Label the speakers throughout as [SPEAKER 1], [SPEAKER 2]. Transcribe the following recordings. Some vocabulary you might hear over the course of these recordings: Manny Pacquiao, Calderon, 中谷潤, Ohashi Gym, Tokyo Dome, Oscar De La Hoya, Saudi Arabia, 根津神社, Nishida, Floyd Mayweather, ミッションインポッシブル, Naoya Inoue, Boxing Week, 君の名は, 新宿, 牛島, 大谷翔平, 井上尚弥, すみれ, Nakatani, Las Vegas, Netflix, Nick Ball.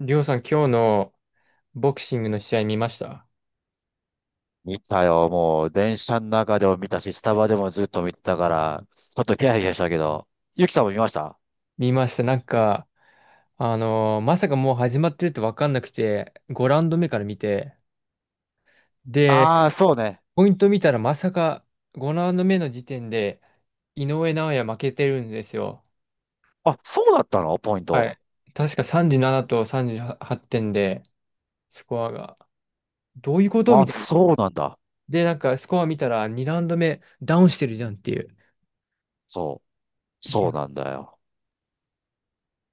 [SPEAKER 1] りょうさん、今日のボクシングの試合見ました？
[SPEAKER 2] 見たよ。もう、電車の中でも見たし、スタバでもずっと見てたから、ちょっとヒヤヒヤしたけど。ゆきさんも見ました？
[SPEAKER 1] 見ました。なんか、まさかもう始まってると分かんなくて、5ラウンド目から見て、
[SPEAKER 2] ああー、
[SPEAKER 1] で、
[SPEAKER 2] そうね。
[SPEAKER 1] ポイント見たらまさか5ラウンド目の時点で、井上尚弥負けてるんですよ。
[SPEAKER 2] あ、そうだったのポイン
[SPEAKER 1] は
[SPEAKER 2] ト。
[SPEAKER 1] い。確か37と38点で、スコアが。どういうことみ
[SPEAKER 2] あ、
[SPEAKER 1] たいな。
[SPEAKER 2] そうなんだ。
[SPEAKER 1] で、なんかスコア見たら2ラウンド目ダウンしてるじゃんっていう。
[SPEAKER 2] そう。
[SPEAKER 1] いや、
[SPEAKER 2] そうなんだよ。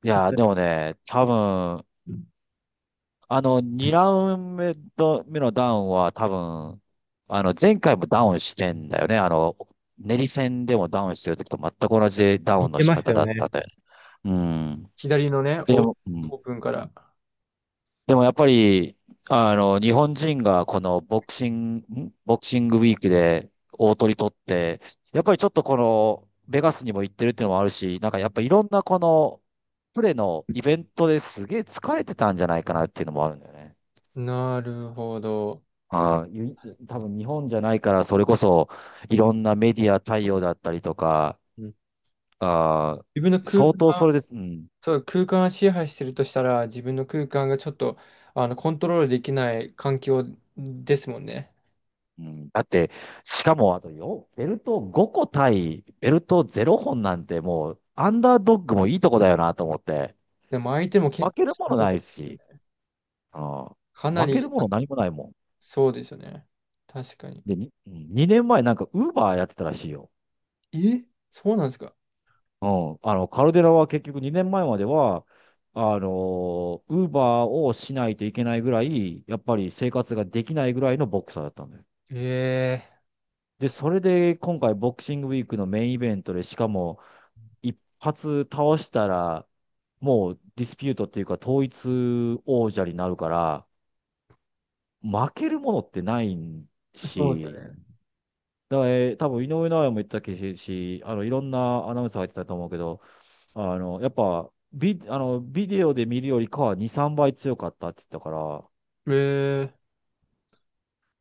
[SPEAKER 2] い
[SPEAKER 1] い
[SPEAKER 2] や、
[SPEAKER 1] や、
[SPEAKER 2] でもね、多分、2ラウンド目のダウンは多分、前回もダウンしてんだよね。あの、練り戦でもダウンしてる時と全く同じダウ
[SPEAKER 1] 似
[SPEAKER 2] ンの
[SPEAKER 1] て
[SPEAKER 2] 仕
[SPEAKER 1] ました
[SPEAKER 2] 方
[SPEAKER 1] よ
[SPEAKER 2] だったん
[SPEAKER 1] ね。
[SPEAKER 2] だよね。うん。
[SPEAKER 1] 左のね、
[SPEAKER 2] でも、うん
[SPEAKER 1] オープンから。
[SPEAKER 2] でもやっぱり、日本人がこのボクシング、ボクシングウィークで大取り取って、やっぱりちょっとこの、ベガスにも行ってるっていうのもあるし、なんかやっぱいろんなこの、プレのイベントですげえ疲れてたんじゃないかなっていうのもあるんだよね。
[SPEAKER 1] なるほど。
[SPEAKER 2] ああ、ゆ多分日本じゃないから、それこそいろんなメディア対応だったりとか、
[SPEAKER 1] うん、
[SPEAKER 2] ああ、
[SPEAKER 1] 自分の空
[SPEAKER 2] 相当
[SPEAKER 1] 間、
[SPEAKER 2] それで、うん。
[SPEAKER 1] そう、空間を支配してるとしたら、自分の空間がちょっと、コントロールできない環境ですもんね。
[SPEAKER 2] うん、だって、しかもあとよ、ベルト5個対ベルト0本なんてもう、アンダードッグもいいとこだよなと思って、
[SPEAKER 1] でも相手も
[SPEAKER 2] 負
[SPEAKER 1] 結構
[SPEAKER 2] ける
[SPEAKER 1] し
[SPEAKER 2] も
[SPEAKER 1] ん
[SPEAKER 2] の
[SPEAKER 1] ど
[SPEAKER 2] な
[SPEAKER 1] かっ
[SPEAKER 2] い
[SPEAKER 1] たですよ
[SPEAKER 2] し、
[SPEAKER 1] ね、
[SPEAKER 2] うん、
[SPEAKER 1] かな
[SPEAKER 2] 負ける
[SPEAKER 1] り、
[SPEAKER 2] も
[SPEAKER 1] あ、
[SPEAKER 2] の何もないもん。
[SPEAKER 1] そうですよね。確かに。
[SPEAKER 2] 2年前なんかウーバーやってたらしいよ。
[SPEAKER 1] え、そうなんですか？
[SPEAKER 2] うん、あの、カルデラは結局2年前までは、あのウーバーをしないといけないぐらい、やっぱり生活ができないぐらいのボクサーだったんだよ。
[SPEAKER 1] え
[SPEAKER 2] で、それで今回ボクシングウィークのメインイベントで、しかも一発倒したら、もうディスピュートっていうか統一王者になるから、負けるものってない
[SPEAKER 1] え、そうだ
[SPEAKER 2] し、
[SPEAKER 1] ね。
[SPEAKER 2] だから、多分井上尚弥も言ってたけし、あの、いろんなアナウンサーが言ってたと思うけど、あの、やっぱ、ビ、あの、ビデオで見るよりかは2、3倍強かったって言ったから、
[SPEAKER 1] え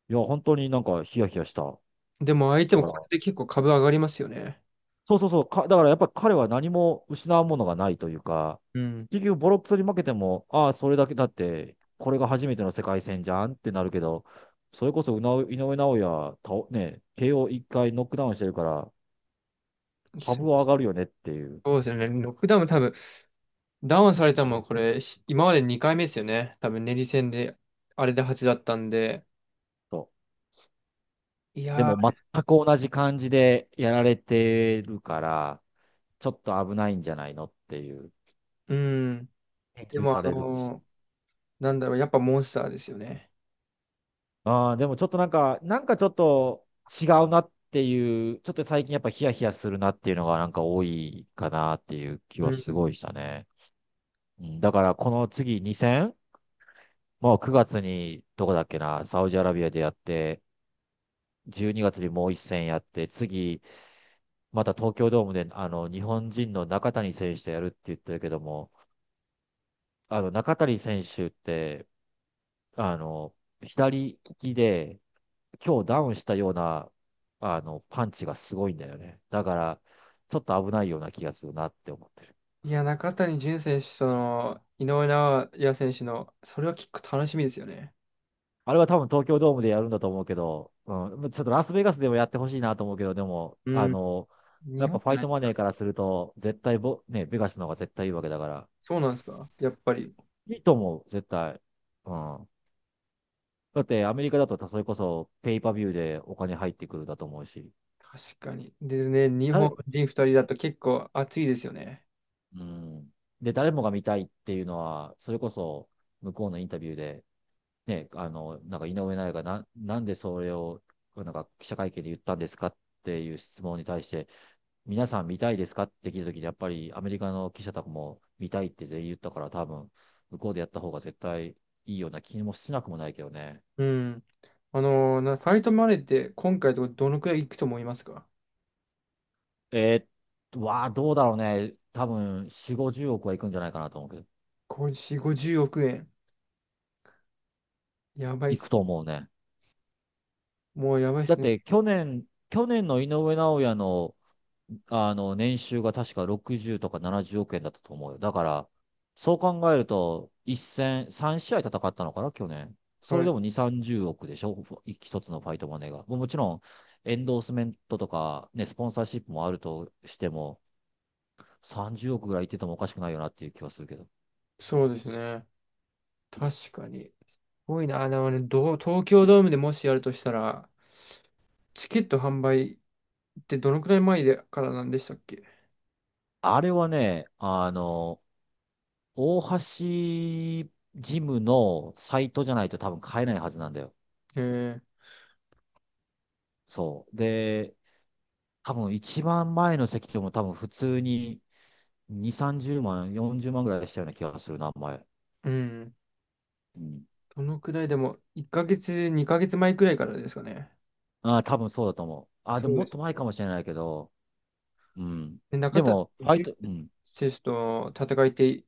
[SPEAKER 2] いや、本当になんかヒヤヒヤしたか
[SPEAKER 1] え、でも相手もこ
[SPEAKER 2] ら、
[SPEAKER 1] れで結構株上がりますよね。
[SPEAKER 2] そうそうそう。だからやっぱり彼は何も失うものがないというか、
[SPEAKER 1] うん、
[SPEAKER 2] 結局ボロクソに負けても、ああ、それだけだって、これが初めての世界戦じゃんってなるけど、それこそ井上尚弥、たね、KO1 回ノックダウンしてるから、
[SPEAKER 1] す
[SPEAKER 2] 株
[SPEAKER 1] ご
[SPEAKER 2] は
[SPEAKER 1] い。
[SPEAKER 2] 上がるよねっていう。
[SPEAKER 1] そうですよね。ロックダウンも多分ダウンされたのもこれ、し今まで2回目ですよね。多分、練り戦で、あれで8だったんで。
[SPEAKER 2] そ
[SPEAKER 1] い
[SPEAKER 2] うで
[SPEAKER 1] や
[SPEAKER 2] も全く同じ感じでやられてるから、ちょっと危ないんじゃないのっていう、
[SPEAKER 1] ー、うん。
[SPEAKER 2] 研
[SPEAKER 1] で
[SPEAKER 2] 究
[SPEAKER 1] も、
[SPEAKER 2] される。
[SPEAKER 1] なんだろう、やっぱモンスターですよね。
[SPEAKER 2] ああ、でもちょっとなんか、なんかちょっと違うなっていう、ちょっと最近やっぱヒヤヒヤするなっていうのがなんか多いかなっていう気
[SPEAKER 1] う
[SPEAKER 2] はす
[SPEAKER 1] ん。
[SPEAKER 2] ごいしたね。うん、だからこの次2戦、もう9月にどこだっけな、サウジアラビアでやって、12月にがつにもう1戦やって、次、また東京ドームであの日本人の中谷選手とやるって言ってるけども、あの中谷選手って、あの、左利きで、今日ダウンしたような、パンチがすごいんだよね。だから、ちょっと危ないような気がするなって思ってる。
[SPEAKER 1] いや、中谷潤選手との井上尚弥選手の、それは結構楽しみですよね。
[SPEAKER 2] あれは多分東京ドームでやるんだと思うけど、うん、ちょっとラスベガスでもやってほしいなと思うけど、でも、
[SPEAKER 1] う
[SPEAKER 2] あ
[SPEAKER 1] ん。
[SPEAKER 2] の、や
[SPEAKER 1] 日
[SPEAKER 2] っ
[SPEAKER 1] 本
[SPEAKER 2] ぱフ
[SPEAKER 1] じ
[SPEAKER 2] ァ
[SPEAKER 1] ゃ
[SPEAKER 2] イ
[SPEAKER 1] ない
[SPEAKER 2] ト
[SPEAKER 1] です
[SPEAKER 2] マネー
[SPEAKER 1] か。
[SPEAKER 2] からすると、絶対ボ、ね、ベガスの方が絶対いいわけだから、
[SPEAKER 1] そうなんですか。やっぱり。
[SPEAKER 2] いいと思う、絶対。うん。だってアメリカだとそれこそペイパビューでお金入ってくるだと思うし、
[SPEAKER 1] 確かに。ですね、日本
[SPEAKER 2] 誰、
[SPEAKER 1] 人2人だと結構熱いですよね。
[SPEAKER 2] うん。で、誰もが見たいっていうのは、それこそ向こうのインタビューで、なんか井上尚弥がなんでそれを、なんか記者会見で言ったんですかっていう質問に対して、皆さん見たいですかって聞いたときに、やっぱりアメリカの記者たちも見たいって全員言ったから、多分、向こうでやった方が絶対いいような気もしなくもないけどね。
[SPEAKER 1] うん。あのーなファイトマネーって今回とどのくらいいくと思いますか？
[SPEAKER 2] えどうだろうね。多分、4、50億はいくんじゃないかなと思うけど、
[SPEAKER 1] 50、50億円。やばいっ
[SPEAKER 2] いく
[SPEAKER 1] す。
[SPEAKER 2] と思うね。
[SPEAKER 1] もうやばいっ
[SPEAKER 2] だ
[SPEAKER 1] す
[SPEAKER 2] っ
[SPEAKER 1] ね。
[SPEAKER 2] て、去年の井上尚弥のあの、年収が確か60とか70億円だったと思うよ。だから、そう考えると、一戦、3試合戦ったのかな、去年。そ
[SPEAKER 1] は
[SPEAKER 2] れで
[SPEAKER 1] い。
[SPEAKER 2] も2、30億でしょ、一つのファイトマネーが。もうもちろん、エンドースメントとか、ね、スポンサーシップもあるとしても、30億ぐらいいっててもおかしくないよなっていう気はするけど。
[SPEAKER 1] そうですね。確かに。すごいな。あのね、どう、東京ドームでもしやるとしたら、チケット販売ってどのくらい前でからなんでしたっけ？
[SPEAKER 2] あれはね、あの、大橋ジムのサイトじゃないと多分買えないはずなんだよ。
[SPEAKER 1] えー、
[SPEAKER 2] そう。で、多分一番前の席でも多分普通に2、30万、40万ぐらいしたような気がするな、前。
[SPEAKER 1] うん。
[SPEAKER 2] うん。
[SPEAKER 1] どのくらいでも、1ヶ月、2ヶ月前くらいからですかね。
[SPEAKER 2] ああ、多分そうだと思う。ああ、で
[SPEAKER 1] そ
[SPEAKER 2] も
[SPEAKER 1] う
[SPEAKER 2] も
[SPEAKER 1] で
[SPEAKER 2] っ
[SPEAKER 1] す。
[SPEAKER 2] と前かもしれないけど、うん。
[SPEAKER 1] で、中
[SPEAKER 2] で
[SPEAKER 1] 田
[SPEAKER 2] も、ファイト、うん。
[SPEAKER 1] 選手と戦いって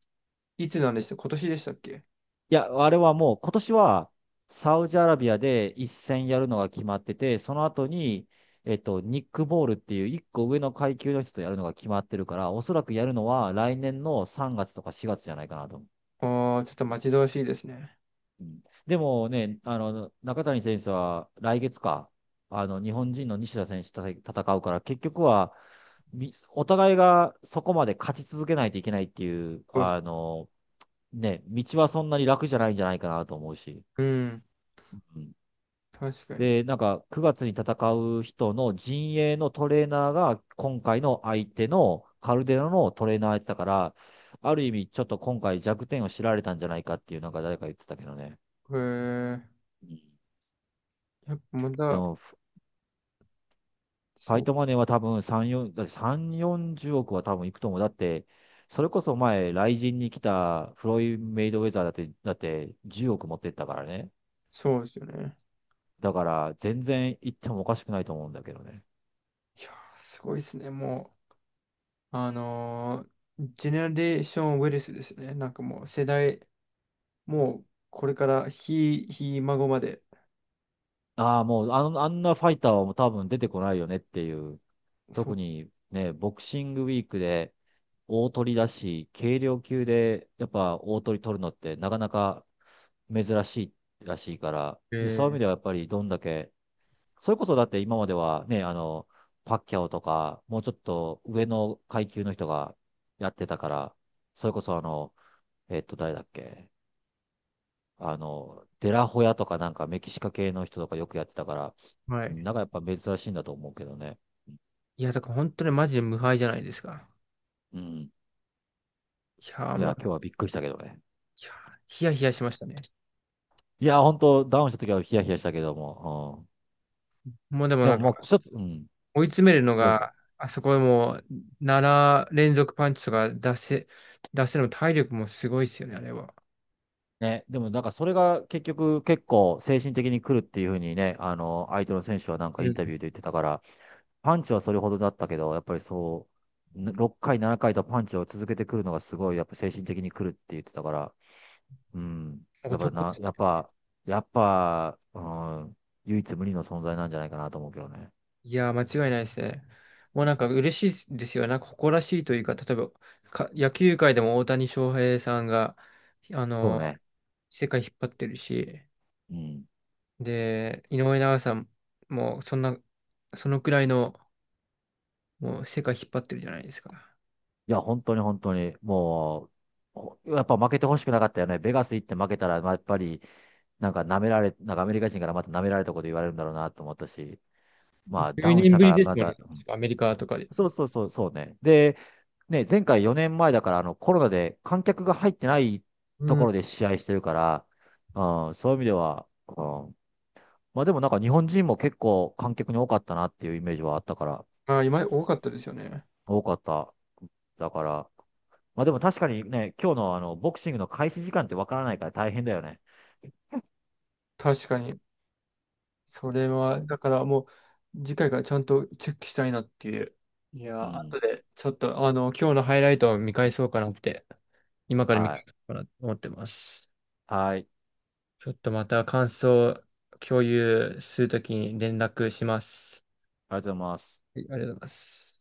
[SPEAKER 1] いつなんでした今年でしたっけ？
[SPEAKER 2] いや、あれはもう今年はサウジアラビアで一戦やるのが決まってて、その後に、えっと、ニックボールっていう一個上の階級の人とやるのが決まってるから、おそらくやるのは来年の3月とか4月じゃないかなと。
[SPEAKER 1] ああー、ちょっと待ち遠しいですね。
[SPEAKER 2] うんでもね、あの、中谷選手は来月か、あの、日本人の西田選手と戦うから、結局は、お互いがそこまで勝ち続けないといけないっていう、
[SPEAKER 1] そうっす、
[SPEAKER 2] あの、ね、道はそんなに楽じゃないんじゃないかなと思うし。
[SPEAKER 1] うん。
[SPEAKER 2] うん。
[SPEAKER 1] 確かに。
[SPEAKER 2] で、なんか、9月に戦う人の陣営のトレーナーが、今回の相手のカルデラのトレーナーやってたから、ある意味、ちょっと今回弱点を知られたんじゃないかっていう、なんか誰か言ってたけどね。
[SPEAKER 1] へー、
[SPEAKER 2] うん。
[SPEAKER 1] やっぱま
[SPEAKER 2] で
[SPEAKER 1] た、
[SPEAKER 2] も、ファ
[SPEAKER 1] そ
[SPEAKER 2] イ
[SPEAKER 1] う、
[SPEAKER 2] トマネーは多分3、4、だって3、40億は多分いくと思う。だって、それこそ前、雷神に来たフロイド・メイドウェザーだって、だって10億持ってったからね。
[SPEAKER 1] そうですよね。
[SPEAKER 2] だから、全然行ってもおかしくないと思うんだけどね。
[SPEAKER 1] いやー、すごいですね。もう、ジェネレーションウェルスですね。なんかもう世代、もうこれからひ孫まで。
[SPEAKER 2] ああ、もうあの、あんなファイターはもう多分出てこないよねっていう。
[SPEAKER 1] そ
[SPEAKER 2] 特
[SPEAKER 1] う。
[SPEAKER 2] にね、ボクシングウィークで大取りだし、軽量級でやっぱ大取り取るのってなかなか珍しいらしいから、でそういう意味
[SPEAKER 1] え
[SPEAKER 2] ではやっぱりどんだけ、それこそだって今まではね、あの、パッキャオとか、もうちょっと上の階級の人がやってたから、それこそあの、えっと、誰だっけあの、デラホヤとかなんかメキシカ系の人とかよくやってたから、
[SPEAKER 1] ー、は
[SPEAKER 2] うん、
[SPEAKER 1] い。
[SPEAKER 2] なんかやっぱ珍しいんだと思うけどね。
[SPEAKER 1] いや、だから本当にマジで無敗じゃないですか。
[SPEAKER 2] うん。
[SPEAKER 1] いやー、
[SPEAKER 2] い
[SPEAKER 1] もう、
[SPEAKER 2] や、今日はびっくりしたけどね。
[SPEAKER 1] いやー、ヒヤヒヤしましたね。
[SPEAKER 2] いや、本当ダウンした時はヒヤヒヤしたけども、
[SPEAKER 1] もうで
[SPEAKER 2] う
[SPEAKER 1] も
[SPEAKER 2] ん。で
[SPEAKER 1] な
[SPEAKER 2] も
[SPEAKER 1] ん
[SPEAKER 2] もう
[SPEAKER 1] か、
[SPEAKER 2] 一つ、うん、
[SPEAKER 1] 追い詰めるの
[SPEAKER 2] どうぞ。
[SPEAKER 1] が、あそこでもう、7連続パンチとか、出せるのも体力もすごいですよね、あれは。
[SPEAKER 2] ね、でもなんかそれが結局結構精神的に来るっていうふうにね、あの、相手の選手はなんか
[SPEAKER 1] う
[SPEAKER 2] イン
[SPEAKER 1] ん、
[SPEAKER 2] タビューで言ってたから、パンチはそれほどだったけど、やっぱり6回、7回とパンチを続けてくるのがすごい、やっぱ精神的に来るって言ってたから、うん、やっぱな、
[SPEAKER 1] 男
[SPEAKER 2] やっぱ、やっぱ、うん、唯一無二の存在なんじゃないかなと思うけどね。
[SPEAKER 1] いやー、間違いないですね。もうなんか嬉しいですよね。なんか誇らしいというか、例えば、野球界でも大谷翔平さんが、あ
[SPEAKER 2] そう
[SPEAKER 1] のー
[SPEAKER 2] ね。
[SPEAKER 1] 世界引っ張ってるし、
[SPEAKER 2] うん。
[SPEAKER 1] で、井上尚弥さんもそんな、そのくらいの、もう世界引っ張ってるじゃないですか。
[SPEAKER 2] いや、本当に本当に、もう、やっぱ負けてほしくなかったよね。ベガス行って負けたら、まあやっぱり、なんか舐められ、なんかアメリカ人からまた舐められたこと言われるんだろうなと思ったし、まあダ
[SPEAKER 1] 10
[SPEAKER 2] ウンし
[SPEAKER 1] 年
[SPEAKER 2] た
[SPEAKER 1] ぶ
[SPEAKER 2] か
[SPEAKER 1] り
[SPEAKER 2] ら
[SPEAKER 1] です
[SPEAKER 2] ま
[SPEAKER 1] もんね、
[SPEAKER 2] た、うん。
[SPEAKER 1] 確かアメリカとかで。
[SPEAKER 2] そうそうそう、そうね。で、ね、前回4年前だから、あの、コロナで観客が入ってないと
[SPEAKER 1] う
[SPEAKER 2] こ
[SPEAKER 1] ん。
[SPEAKER 2] ろで試合してるから、うん、そういう意味では、うん、まあでもなんか日本人も結構観客に多かったなっていうイメージはあったから、
[SPEAKER 1] あー、今、多かったですよね。
[SPEAKER 2] 多かった。だから、まあでも確かにね、今日のあの、ボクシングの開始時間ってわからないから大変だよね。
[SPEAKER 1] 確かに。それは、だからもう、次回からちゃんとチェックしたいなっていう。いや
[SPEAKER 2] う
[SPEAKER 1] ー、
[SPEAKER 2] ん。
[SPEAKER 1] 後で、ちょっと、今日のハイライトを見返そうかなって、今から見
[SPEAKER 2] は
[SPEAKER 1] 返
[SPEAKER 2] い。
[SPEAKER 1] そうかなと思ってます。
[SPEAKER 2] はい。
[SPEAKER 1] ちょっとまた感想を共有するときに連絡します。
[SPEAKER 2] ありがとうございます。
[SPEAKER 1] はい、ありがとうございます。